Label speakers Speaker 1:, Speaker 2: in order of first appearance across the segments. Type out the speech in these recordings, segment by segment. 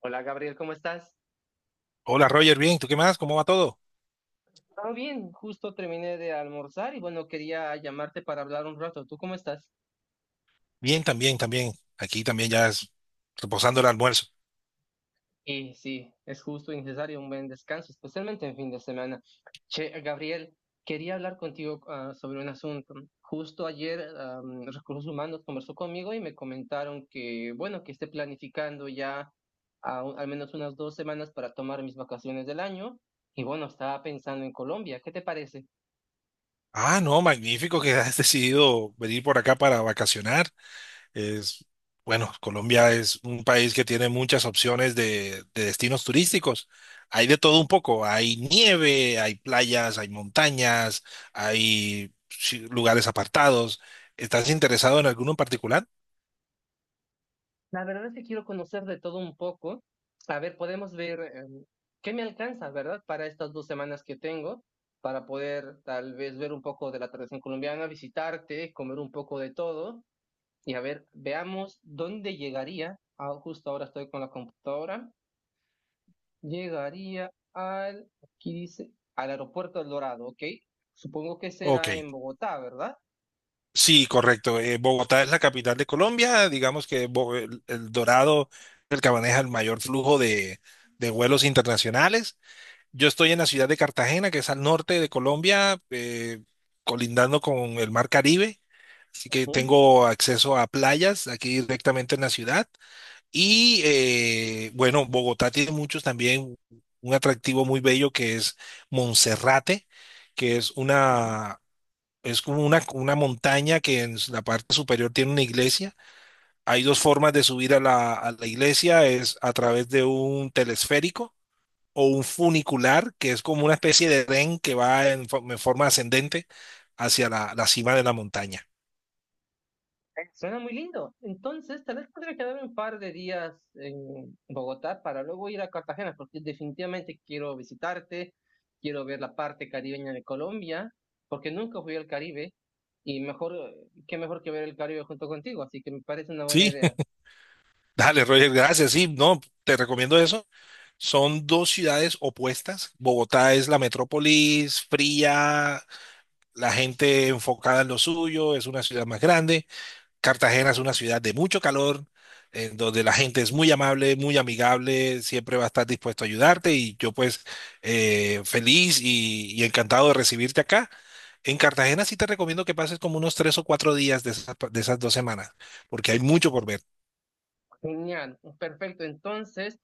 Speaker 1: Hola Gabriel, ¿cómo estás?
Speaker 2: Hola Roger, bien, ¿tú qué más? ¿Cómo va todo?
Speaker 1: Todo bien, justo terminé de almorzar y bueno, quería llamarte para hablar un rato. ¿Tú cómo estás?
Speaker 2: Bien, también, también. Aquí también ya es reposando el almuerzo.
Speaker 1: Y sí, es justo y necesario un buen descanso, especialmente en fin de semana. Che, Gabriel, quería hablar contigo sobre un asunto. Justo ayer Recursos Humanos conversó conmigo y me comentaron que, bueno, que esté planificando ya al menos unas 2 semanas para tomar mis vacaciones del año. Y bueno, estaba pensando en Colombia. ¿Qué te parece?
Speaker 2: Ah, no, magnífico que has decidido venir por acá para vacacionar. Es, bueno, Colombia es un país que tiene muchas opciones de destinos turísticos. Hay de todo un poco. Hay nieve, hay playas, hay montañas, hay sí, lugares apartados. ¿Estás interesado en alguno en particular?
Speaker 1: La verdad es que quiero conocer de todo un poco. A ver, podemos ver qué me alcanza, ¿verdad? Para estas 2 semanas que tengo, para poder tal vez ver un poco de la tradición colombiana, visitarte, comer un poco de todo y a ver, veamos dónde llegaría. Ah, justo ahora estoy con la computadora. Llegaría al, aquí dice, al aeropuerto El Dorado, ¿ok? Supongo que
Speaker 2: Ok.
Speaker 1: será en Bogotá, ¿verdad?
Speaker 2: Sí, correcto. Bogotá es la capital de Colombia. Digamos que el Dorado es el que maneja el mayor flujo de vuelos internacionales. Yo estoy en la ciudad de Cartagena, que es al norte de Colombia, colindando con el mar Caribe. Así que
Speaker 1: Ujú,
Speaker 2: tengo acceso a playas aquí directamente en la ciudad. Y bueno, Bogotá tiene muchos también un atractivo muy bello que es Monserrate, que
Speaker 1: ujú.
Speaker 2: es como una montaña que en la parte superior tiene una iglesia. Hay dos formas de subir a la iglesia, es a través de un telesférico o un funicular, que es como una especie de tren que va en forma ascendente hacia la cima de la montaña.
Speaker 1: Suena muy lindo. Entonces, tal vez podría quedarme un par de días en Bogotá para luego ir a Cartagena, porque definitivamente quiero visitarte, quiero ver la parte caribeña de Colombia, porque nunca fui al Caribe y mejor, qué mejor que ver el Caribe junto contigo, así que me parece una buena
Speaker 2: Sí,
Speaker 1: idea.
Speaker 2: dale, Roger, gracias. Sí, no, te recomiendo eso. Son dos ciudades opuestas. Bogotá es la metrópolis fría, la gente enfocada en lo suyo, es una ciudad más grande. Cartagena es una ciudad de mucho calor, en donde la gente es muy amable, muy amigable, siempre va a estar dispuesto a ayudarte y yo pues feliz y encantado de recibirte acá. En Cartagena sí te recomiendo que pases como unos 3 o 4 días de esas 2 semanas, porque hay mucho por ver.
Speaker 1: Genial, perfecto. Entonces,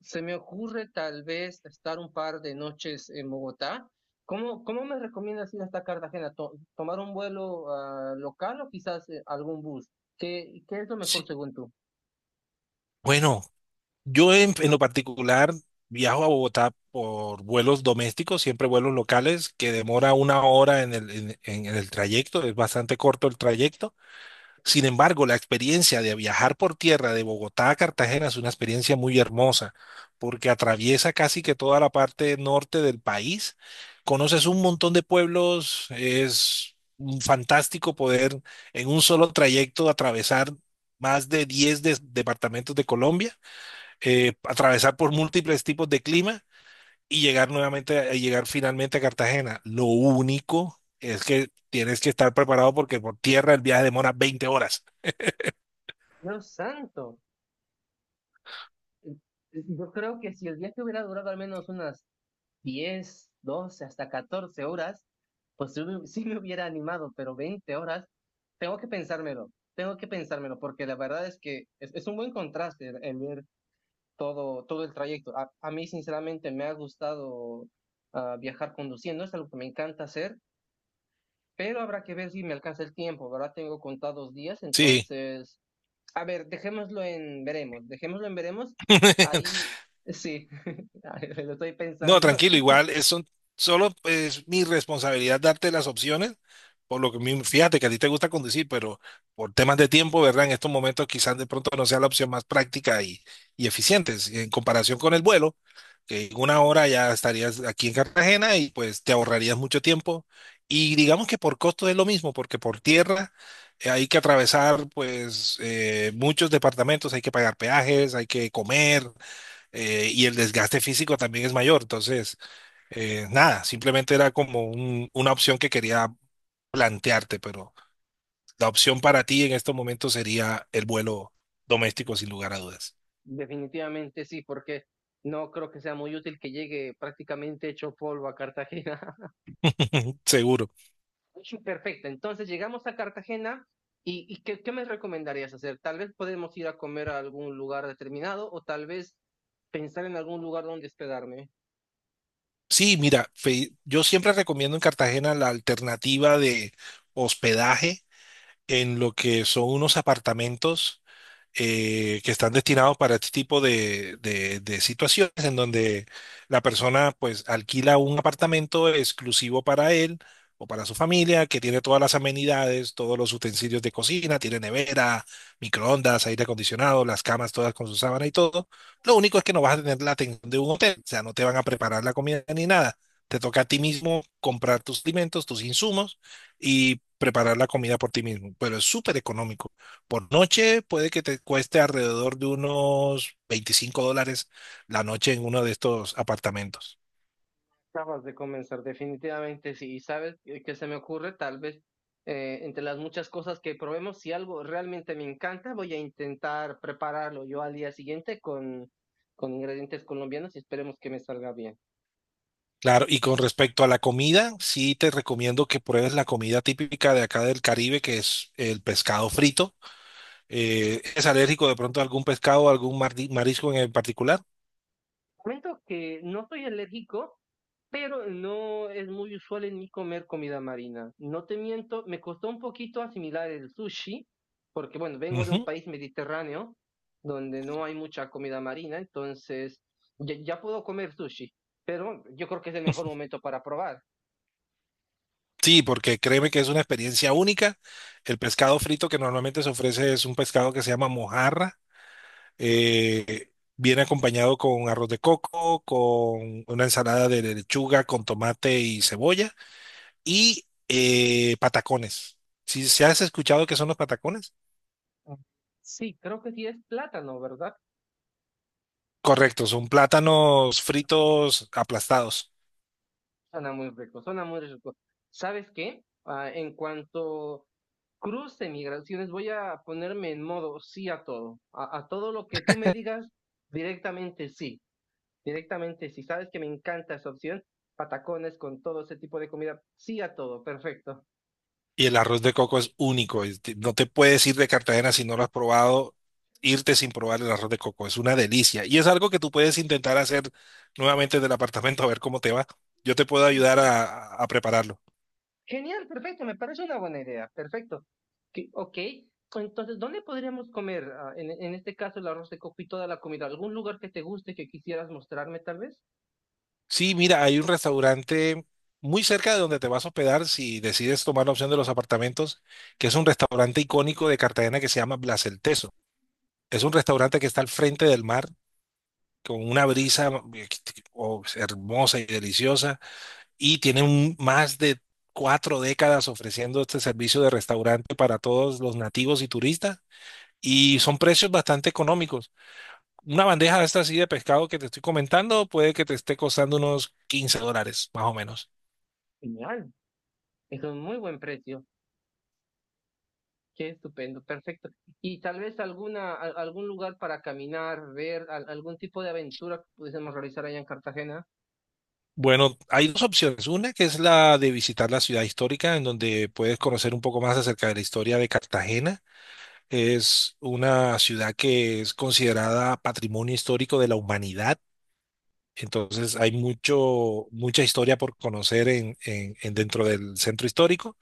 Speaker 1: se me ocurre tal vez estar un par de noches en Bogotá. ¿Cómo me recomiendas ir hasta Cartagena? ¿Tomar un vuelo local o quizás algún bus? ¿Qué es lo mejor
Speaker 2: Sí.
Speaker 1: según tú?
Speaker 2: Bueno, yo en lo particular viajo a Bogotá por vuelos domésticos, siempre vuelos locales, que demora una hora en el trayecto, es bastante corto el trayecto. Sin embargo, la experiencia de viajar por tierra de Bogotá a Cartagena es una experiencia muy hermosa, porque atraviesa casi que toda la parte norte del país. Conoces un montón de pueblos, es un fantástico poder en un solo trayecto atravesar más de 10 departamentos de Colombia, atravesar por múltiples tipos de clima y llegar nuevamente, a llegar finalmente a Cartagena. Lo único es que tienes que estar preparado porque por tierra el viaje demora 20 horas.
Speaker 1: Dios santo. eh, Yo creo que si el viaje hubiera durado al menos unas 10, 12, hasta 14 horas, pues sí me sí hubiera animado, pero 20 horas, tengo que pensármelo, porque la verdad es que es un buen contraste el ver todo, todo el trayecto. A mí, sinceramente, me ha gustado viajar conduciendo, es algo que me encanta hacer, pero habrá que ver si me alcanza el tiempo, ¿verdad? Tengo contados días,
Speaker 2: Sí.
Speaker 1: entonces, a ver, dejémoslo en veremos, ahí sí, lo estoy
Speaker 2: No,
Speaker 1: pensando.
Speaker 2: tranquilo, igual solo es mi responsabilidad darte las opciones, por lo que fíjate que a ti te gusta conducir, pero por temas de tiempo, ¿verdad? En estos momentos quizás de pronto no sea la opción más práctica y eficiente, en comparación con el vuelo, que en una hora ya estarías aquí en Cartagena y pues te ahorrarías mucho tiempo. Y digamos que por costo es lo mismo, porque por tierra hay que atravesar pues muchos departamentos, hay que pagar peajes, hay que comer. Y el desgaste físico también es mayor. Entonces, nada, simplemente era como una opción que quería plantearte, pero la opción para ti en estos momentos sería el vuelo doméstico, sin lugar a dudas.
Speaker 1: Definitivamente sí, porque no creo que sea muy útil que llegue prácticamente hecho polvo a Cartagena.
Speaker 2: Seguro.
Speaker 1: Perfecto, entonces llegamos a Cartagena y ¿qué me recomendarías hacer? Tal vez podemos ir a comer a algún lugar determinado o tal vez pensar en algún lugar donde hospedarme.
Speaker 2: Sí, mira, yo siempre recomiendo en Cartagena la alternativa de hospedaje en lo que son unos apartamentos que están destinados para este tipo de situaciones en donde la persona pues alquila un apartamento exclusivo para él o para su familia, que tiene todas las amenidades, todos los utensilios de cocina, tiene nevera, microondas, aire acondicionado, las camas todas con su sábana y todo. Lo único es que no vas a tener la atención de un hotel, o sea, no te van a preparar la comida ni nada. Te toca a ti mismo comprar tus alimentos, tus insumos y preparar la comida por ti mismo, pero es súper económico. Por noche puede que te cueste alrededor de unos $25 la noche en uno de estos apartamentos.
Speaker 1: Acabas de comenzar, definitivamente sí. Y sabes que se me ocurre, tal vez, entre las muchas cosas que probemos, si algo realmente me encanta, voy a intentar prepararlo yo al día siguiente con ingredientes colombianos y esperemos que me salga bien.
Speaker 2: Claro, y con respecto a la comida, sí te recomiendo que pruebes la comida típica de acá del Caribe, que es el pescado frito. ¿Es alérgico de pronto a algún pescado, algún marisco en particular?
Speaker 1: Comento que no soy alérgico, pero no es muy usual en mí comer comida marina. No te miento, me costó un poquito asimilar el sushi, porque bueno, vengo de un
Speaker 2: Ujú.
Speaker 1: país mediterráneo donde no hay mucha comida marina, entonces ya, ya puedo comer sushi, pero yo creo que es el mejor momento para probar.
Speaker 2: Sí, porque créeme que es una experiencia única. El pescado frito que normalmente se ofrece es un pescado que se llama mojarra. Eh, Viene acompañado con arroz de coco, con una ensalada de lechuga, con tomate y cebolla y patacones. ¿Si, si has escuchado qué son los patacones?
Speaker 1: Sí, creo que sí es plátano, ¿verdad?
Speaker 2: Correcto, son plátanos fritos aplastados.
Speaker 1: Suena muy rico, suena muy rico. ¿Sabes qué? Ah, en cuanto cruce migraciones, voy a ponerme en modo sí a todo. A todo lo que tú me digas, directamente sí. Directamente sí. Sabes que me encanta esa opción. Patacones con todo ese tipo de comida. Sí a todo, perfecto.
Speaker 2: Y el arroz de coco es único. No te puedes ir de Cartagena si no lo has probado, irte sin probar el arroz de coco. Es una delicia. Y es algo que tú puedes intentar hacer nuevamente del apartamento a ver cómo te va. Yo te puedo
Speaker 1: Y
Speaker 2: ayudar
Speaker 1: sí,
Speaker 2: a prepararlo.
Speaker 1: genial, perfecto. Me parece una buena idea. Perfecto. Ok. Entonces, ¿dónde podríamos comer, en este caso, el arroz de coco y toda la comida? ¿Algún lugar que te guste que quisieras mostrarme, tal vez?
Speaker 2: Sí, mira, hay un restaurante muy cerca de donde te vas a hospedar si decides tomar la opción de los apartamentos, que es un restaurante icónico de Cartagena que se llama Blas el Teso. Es un restaurante que está al frente del mar, con una brisa oh, hermosa y deliciosa, y tiene más de 4 décadas ofreciendo este servicio de restaurante para todos los nativos y turistas, y son precios bastante económicos. Una bandeja de esta así de pescado que te estoy comentando puede que te esté costando unos $15, más o menos.
Speaker 1: Genial. Es un muy buen precio. Qué estupendo, perfecto. Y tal vez algún lugar para caminar, ver algún tipo de aventura que pudiésemos realizar allá en Cartagena.
Speaker 2: Bueno, hay dos opciones. Una que es la de visitar la ciudad histórica, en donde puedes conocer un poco más acerca de la historia de Cartagena. Es una ciudad que es considerada patrimonio histórico de la humanidad. Entonces hay mucho, mucha historia por conocer en dentro del centro histórico.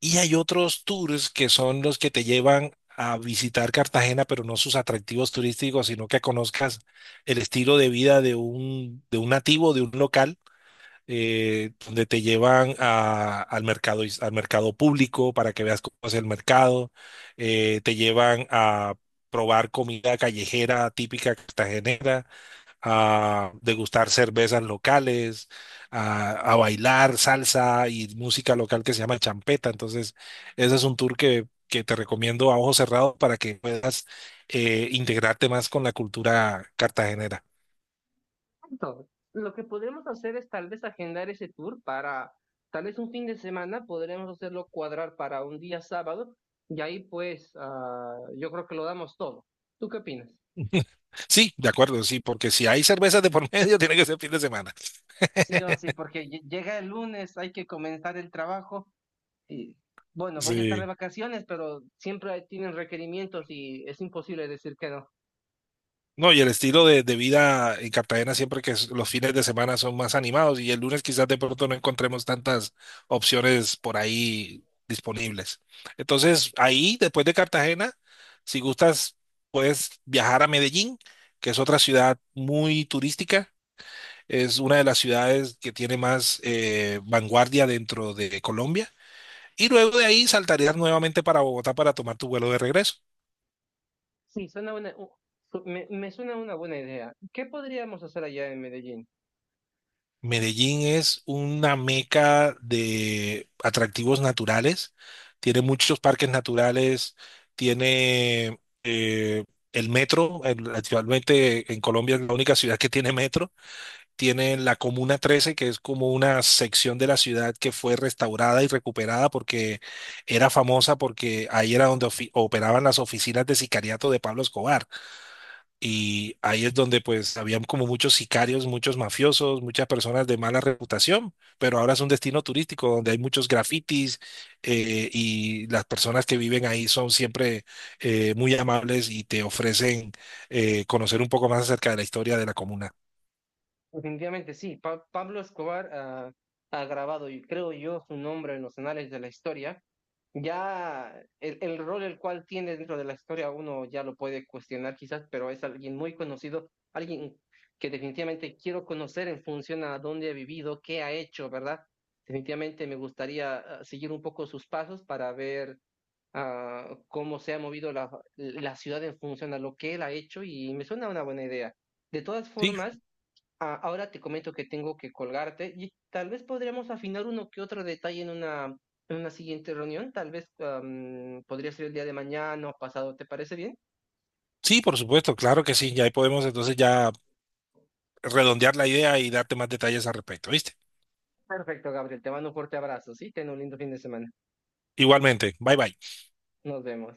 Speaker 2: Y hay otros tours que son los que te llevan a visitar Cartagena, pero no sus atractivos turísticos, sino que conozcas el estilo de vida de un nativo, de un local donde te llevan al mercado, al mercado público para que veas cómo es el mercado, te llevan a probar comida callejera típica cartagenera, a degustar cervezas locales, a bailar salsa y música local que se llama champeta. Entonces, ese es un tour que te recomiendo a ojos cerrados para que puedas integrarte más con la cultura cartagenera.
Speaker 1: Perfecto. Lo que podremos hacer es tal vez agendar ese tour para tal vez un fin de semana, podremos hacerlo cuadrar para un día sábado y ahí pues yo creo que lo damos todo. ¿Tú qué opinas?
Speaker 2: Sí, de acuerdo, sí, porque si hay cervezas de por medio, tiene que ser fin de semana.
Speaker 1: Sí o sí, porque llega el lunes, hay que comenzar el trabajo. Y bueno, voy a estar de
Speaker 2: Sí.
Speaker 1: vacaciones, pero siempre tienen requerimientos y es imposible decir que no.
Speaker 2: No, y el estilo de vida en Cartagena siempre que los fines de semana son más animados y el lunes quizás de pronto no encontremos tantas opciones por ahí disponibles. Entonces, ahí, después de Cartagena, si gustas, puedes viajar a Medellín, que es otra ciudad muy turística. Es una de las ciudades que tiene más vanguardia dentro de Colombia. Y luego de ahí saltarías nuevamente para Bogotá para tomar tu vuelo de regreso.
Speaker 1: Sí, suena una, u- su- me suena una buena idea. ¿Qué podríamos hacer allá en Medellín?
Speaker 2: Medellín es una meca de atractivos naturales, tiene muchos parques naturales, tiene el metro, actualmente en Colombia es la única ciudad que tiene metro, tiene la Comuna 13, que es como una sección de la ciudad que fue restaurada y recuperada porque era famosa porque ahí era donde operaban las oficinas de sicariato de Pablo Escobar. Y ahí es donde pues habían como muchos sicarios, muchos mafiosos, muchas personas de mala reputación, pero ahora es un destino turístico donde hay muchos grafitis y las personas que viven ahí son siempre muy amables y te ofrecen conocer un poco más acerca de la historia de la comuna.
Speaker 1: Definitivamente sí, Pablo Escobar ha grabado, y creo yo, su nombre en los anales de la historia. Ya el rol el cual tiene dentro de la historia uno ya lo puede cuestionar quizás, pero es alguien muy conocido, alguien que definitivamente quiero conocer en función a dónde ha vivido, qué ha hecho, ¿verdad? Definitivamente me gustaría seguir un poco sus pasos para ver cómo se ha movido la ciudad en función a lo que él ha hecho y me suena una buena idea. De todas
Speaker 2: Sí,
Speaker 1: formas, ah, ahora te comento que tengo que colgarte y tal vez podríamos afinar uno que otro detalle en una siguiente reunión. Tal vez podría ser el día de mañana o pasado. ¿Te parece bien?
Speaker 2: sí, por supuesto, claro que sí, ya ahí podemos entonces ya redondear la idea y darte más detalles al respecto, ¿viste?
Speaker 1: Perfecto, Gabriel. Te mando un fuerte abrazo, ¿sí? Ten un lindo fin de semana.
Speaker 2: Igualmente, bye bye.
Speaker 1: Nos vemos.